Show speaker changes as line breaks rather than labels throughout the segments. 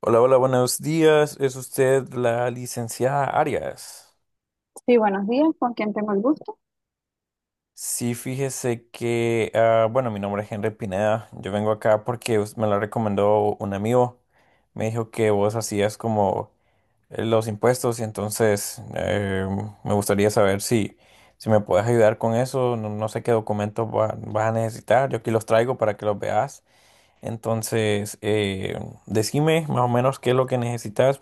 Hola, hola, buenos días. ¿Es usted la licenciada Arias?
Sí, buenos días, ¿con quién tengo el gusto?
Sí, fíjese que, bueno, mi nombre es Henry Pineda. Yo vengo acá porque me la recomendó un amigo. Me dijo que vos hacías como los impuestos y entonces, me gustaría saber si me puedes ayudar con eso. No, no sé qué documentos vas a necesitar. Yo aquí los traigo para que los veas. Entonces, decime más o menos qué es lo que necesitas.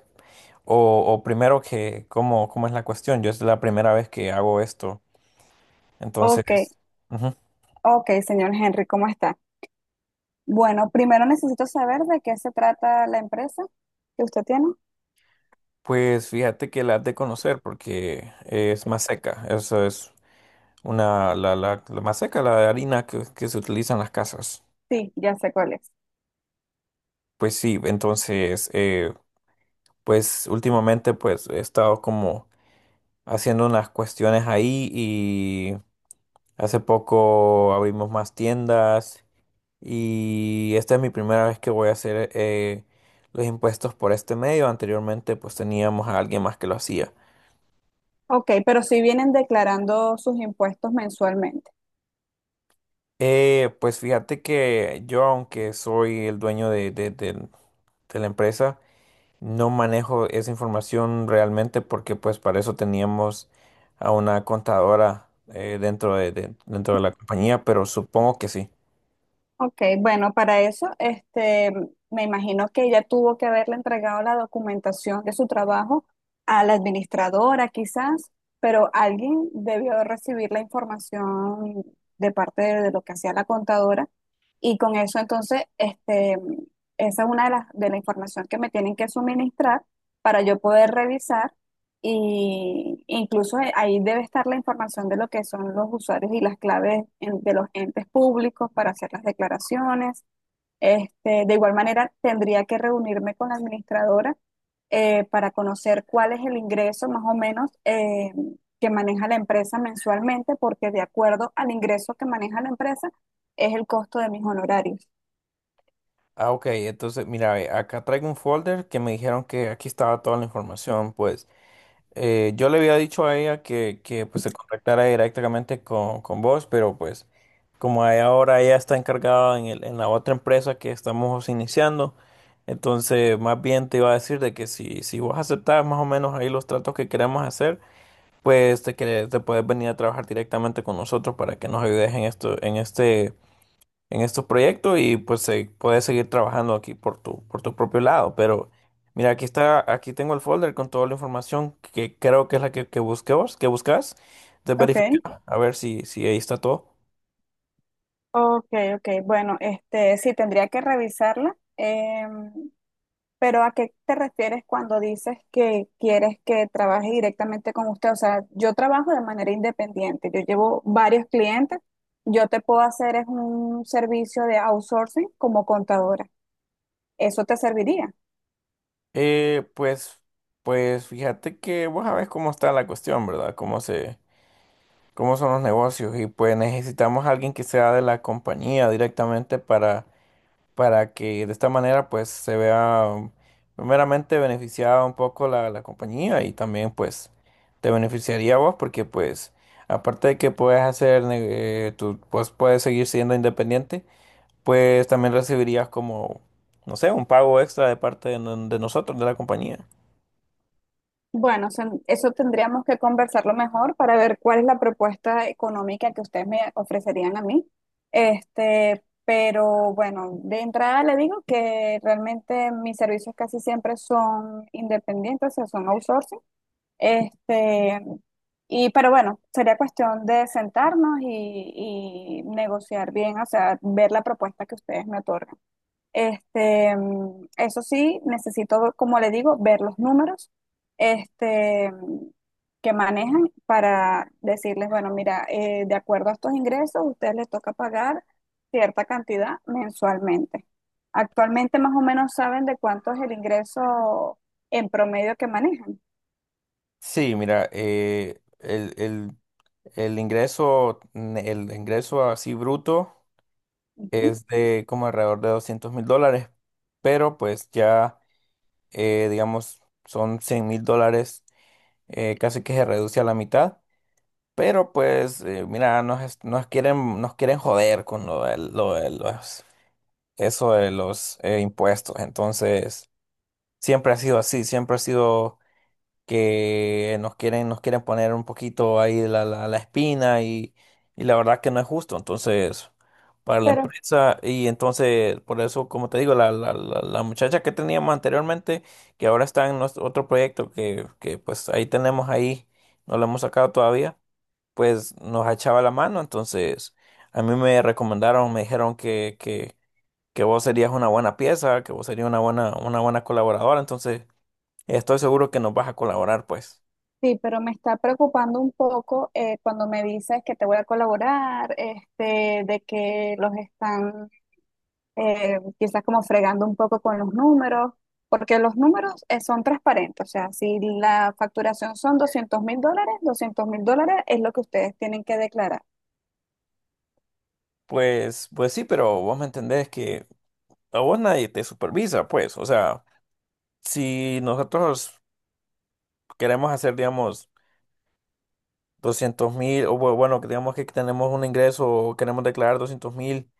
O primero que, ¿cómo, cómo es la cuestión? Yo es la primera vez que hago esto. Entonces,
Ok,
ujú.
ok, señor Henry, ¿cómo está? Bueno, primero necesito saber de qué se trata la empresa que usted tiene.
Pues fíjate que la has de conocer porque es más seca. Eso es una, la más seca, la de harina que se utiliza en las casas.
Sí, ya sé cuál es.
Pues sí, entonces, pues últimamente pues he estado como haciendo unas cuestiones ahí y hace poco abrimos más tiendas. Y esta es mi primera vez que voy a hacer, los impuestos por este medio. Anteriormente pues teníamos a alguien más que lo hacía.
Ok, pero sí vienen declarando sus impuestos mensualmente.
Pues fíjate que yo, aunque soy el dueño de la empresa, no manejo esa información realmente porque pues para eso teníamos a una contadora, dentro dentro de la compañía, pero supongo que sí.
Ok, bueno, para eso, me imagino que ella tuvo que haberle entregado la documentación de su trabajo a la administradora, quizás, pero alguien debió recibir la información de lo que hacía la contadora y con eso entonces, esa es una de las de la información que me tienen que suministrar para yo poder revisar y incluso ahí debe estar la información de lo que son los usuarios y las claves de los entes públicos para hacer las declaraciones. Este, de igual manera, tendría que reunirme con la administradora para conocer cuál es el ingreso más o menos que maneja la empresa mensualmente, porque de acuerdo al ingreso que maneja la empresa es el costo de mis honorarios.
Ah, ok, entonces mira, ve, acá traigo un folder que me dijeron que aquí estaba toda la información, pues. Yo le había dicho a ella que pues se contactara directamente con vos, pero pues como ahora ella está encargada en en la otra empresa que estamos iniciando, entonces más bien te iba a decir de que si vos aceptás más o menos ahí los tratos que queremos hacer, pues te puedes venir a trabajar directamente con nosotros para que nos ayudes en esto, en este, en estos proyectos y pues puedes seguir trabajando aquí por tu propio lado. Pero mira, aquí está, aquí tengo el folder con toda la información que creo que es la que buscabas, que buscas. De
Ok,
verificar, a ver si ahí está todo.
ok, ok. Bueno, este sí, tendría que revisarla. Pero ¿a qué te refieres cuando dices que quieres que trabaje directamente con usted? O sea, yo trabajo de manera independiente, yo llevo varios clientes, yo te puedo hacer es un servicio de outsourcing como contadora. ¿Eso te serviría?
Eh, pues, pues fíjate que vos sabés cómo está la cuestión, ¿verdad? Cómo son los negocios y pues necesitamos a alguien que sea de la compañía directamente para que de esta manera pues se vea, primeramente beneficiada un poco la compañía y también pues te beneficiaría a vos porque pues aparte de que puedes hacer, tú pues, puedes seguir siendo independiente, pues también recibirías como no sé un pago extra de parte de, de nosotros de la compañía.
Bueno, eso tendríamos que conversarlo mejor para ver cuál es la propuesta económica que ustedes me ofrecerían a mí. Este, pero bueno, de entrada le digo que realmente mis servicios casi siempre son independientes, o sea, son outsourcing. Este, y, pero bueno, sería cuestión de sentarnos y negociar bien, o sea, ver la propuesta que ustedes me otorgan. Este, mm, eso sí, necesito, como le digo, ver los números, este, mm, que manejan para decirles, bueno, mira, de acuerdo a estos ingresos, a ustedes les toca pagar cierta cantidad mensualmente. Actualmente más o menos saben de cuánto es el ingreso en promedio que manejan.
Sí, mira, el ingreso el ingreso así bruto
Ujú.
es de como alrededor de $200,000, pero pues ya, digamos, son $100,000, casi que se reduce a la mitad. Pero pues, mira, nos quieren joder con lo de los, eso de los, impuestos. Entonces, siempre ha sido así, siempre ha sido que nos quieren poner un poquito ahí la espina y la verdad que no es justo. Entonces, para la
Pero
empresa y entonces, por eso, como te digo, la muchacha que teníamos anteriormente, que ahora está en nuestro otro proyecto que pues ahí tenemos ahí, no lo hemos sacado todavía, pues nos echaba la mano. Entonces, a mí me recomendaron, me dijeron que vos serías una buena pieza, que vos serías una buena colaboradora. Entonces, estoy seguro que nos vas a colaborar, pues.
sí, pero me está preocupando un poco cuando me dices que te voy a colaborar, este, de que los están quizás como fregando un poco con los números, porque los números son transparentes, o sea, si la facturación son $200,000, $200,000 es lo que ustedes tienen que declarar.
Pues sí, pero vos me entendés que a vos nadie te supervisa, pues. O sea, si nosotros queremos hacer, digamos, 200,000, bueno, que digamos que tenemos un ingreso o queremos declarar 200,000,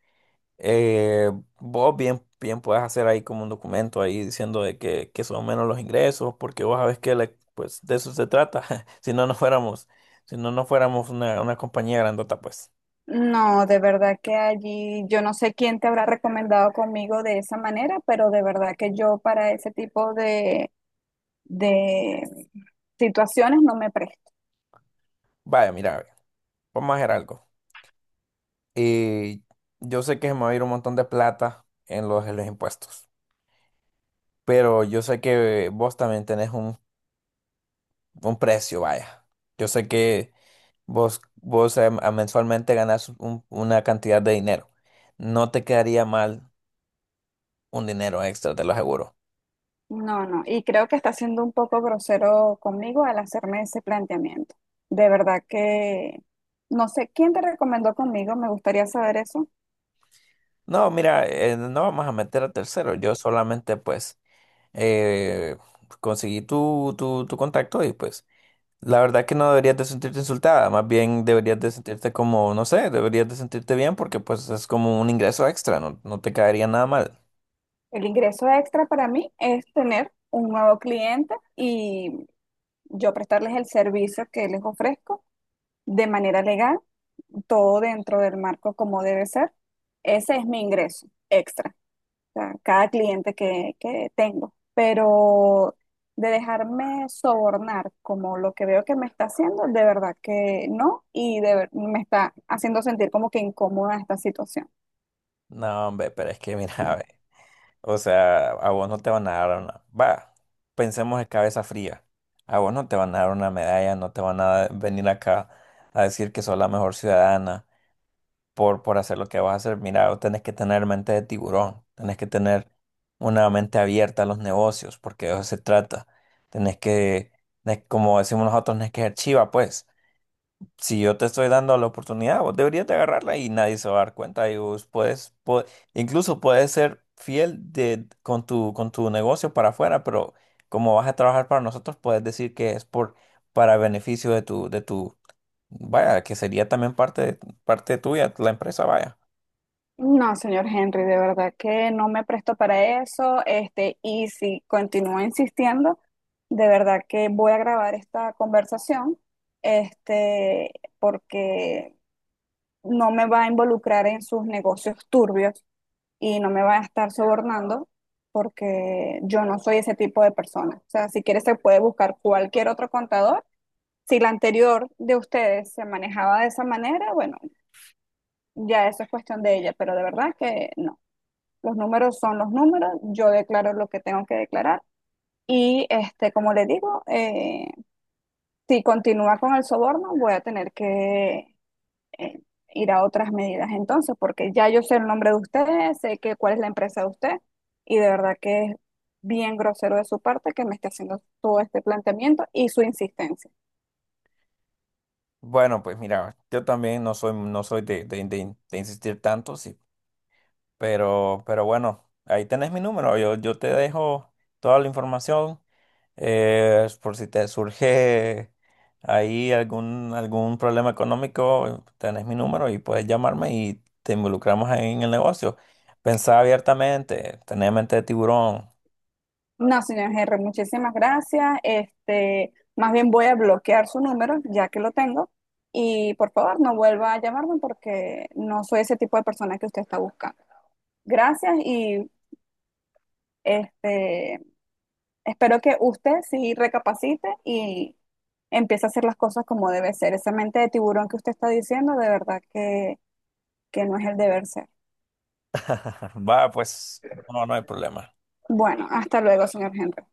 eh, vos bien, bien puedes hacer ahí como un documento ahí diciendo de que son menos los ingresos, porque vos sabés que pues de eso se trata. Si no nos fuéramos, si no nos fuéramos una compañía grandota, pues.
No, de verdad que allí yo no sé quién te habrá recomendado conmigo de esa manera, pero de verdad que yo para ese tipo de situaciones no me presto.
Vaya, mira, ve, vamos a hacer algo. Y yo sé que se me va a ir un montón de plata en los impuestos, pero yo sé que vos también tenés un precio, vaya. Yo sé que vos, vos, mensualmente ganás una cantidad de dinero. No te quedaría mal un dinero extra, te lo aseguro.
No, no, y creo que está siendo un poco grosero conmigo al hacerme ese planteamiento. De verdad que no sé quién te recomendó conmigo, me gustaría saber eso.
No, mira, no vamos a meter a tercero. Yo solamente pues, eh, conseguí tu contacto y pues... La verdad que no deberías de sentirte insultada, más bien deberías de sentirte como, no sé, deberías de sentirte bien porque pues es como un ingreso extra, no, no te caería nada mal.
El ingreso extra para mí es tener un nuevo cliente y yo prestarles el servicio que les ofrezco de manera legal, todo dentro del marco como debe ser. Ese es mi ingreso extra. Sea, cada cliente que tengo, pero de dejarme sobornar como lo que veo que me está haciendo, de verdad que no, me está haciendo sentir como que incómoda esta situación.
No, hombre, pero es que mira, ve, o sea, a vos no te van a dar una, va, pensemos de cabeza fría, a vos no te van a dar una medalla, no te van a venir acá a decir que sos la mejor ciudadana, por hacer lo que vas a hacer. Mira, vos tenés que tener mente de tiburón, tenés que tener una mente abierta a los negocios, porque de eso se trata. Tenés que, Como decimos nosotros, tenés que ser chiva, pues. Si yo te estoy dando la oportunidad, vos deberías de agarrarla y nadie se va a dar cuenta. Y vos puedes, incluso puedes ser fiel de, con tu negocio para afuera, pero como vas a trabajar para nosotros, puedes decir que es por, para beneficio de tu, vaya, que sería también parte, parte tuya, la empresa, vaya.
No, señor Henry, de verdad que no me presto para eso. Este, y si continúa insistiendo, de verdad que voy a grabar esta conversación, este, porque no me va a involucrar en sus negocios turbios y no me va a estar sobornando, porque yo no soy ese tipo de persona. O sea, si quiere se puede buscar cualquier otro contador. Si la anterior de ustedes se manejaba de esa manera, bueno, ya eso es cuestión de ella, pero de verdad que no. Los números son los números, yo declaro lo que tengo que declarar y este, como le digo, si continúa con el soborno, voy a tener que eh, ir a otras medidas entonces, porque ya yo sé el nombre de usted, sé que cuál es la empresa de usted y de verdad que es bien grosero de su parte que me esté haciendo todo este planteamiento y su insistencia.
Bueno, pues mira, yo también no soy, no soy de insistir tanto, sí, pero bueno, ahí tenés mi número, yo te dejo toda la información, por si te surge ahí algún, algún problema económico, tenés mi número y puedes llamarme y te involucramos ahí en el negocio. Pensá abiertamente, tenés mente de tiburón.
No, señor Henry, muchísimas gracias. Este, más bien voy a bloquear su número, ya que lo tengo. Y por favor, no vuelva a llamarme porque no soy ese tipo de persona que usted está buscando. Gracias y este, espero que usted sí recapacite y empiece a hacer las cosas como debe ser. Esa mente de tiburón que usted está diciendo, de verdad que no es el deber ser.
Va, pues no, no hay problema.
Bueno, hasta luego, señor Henry.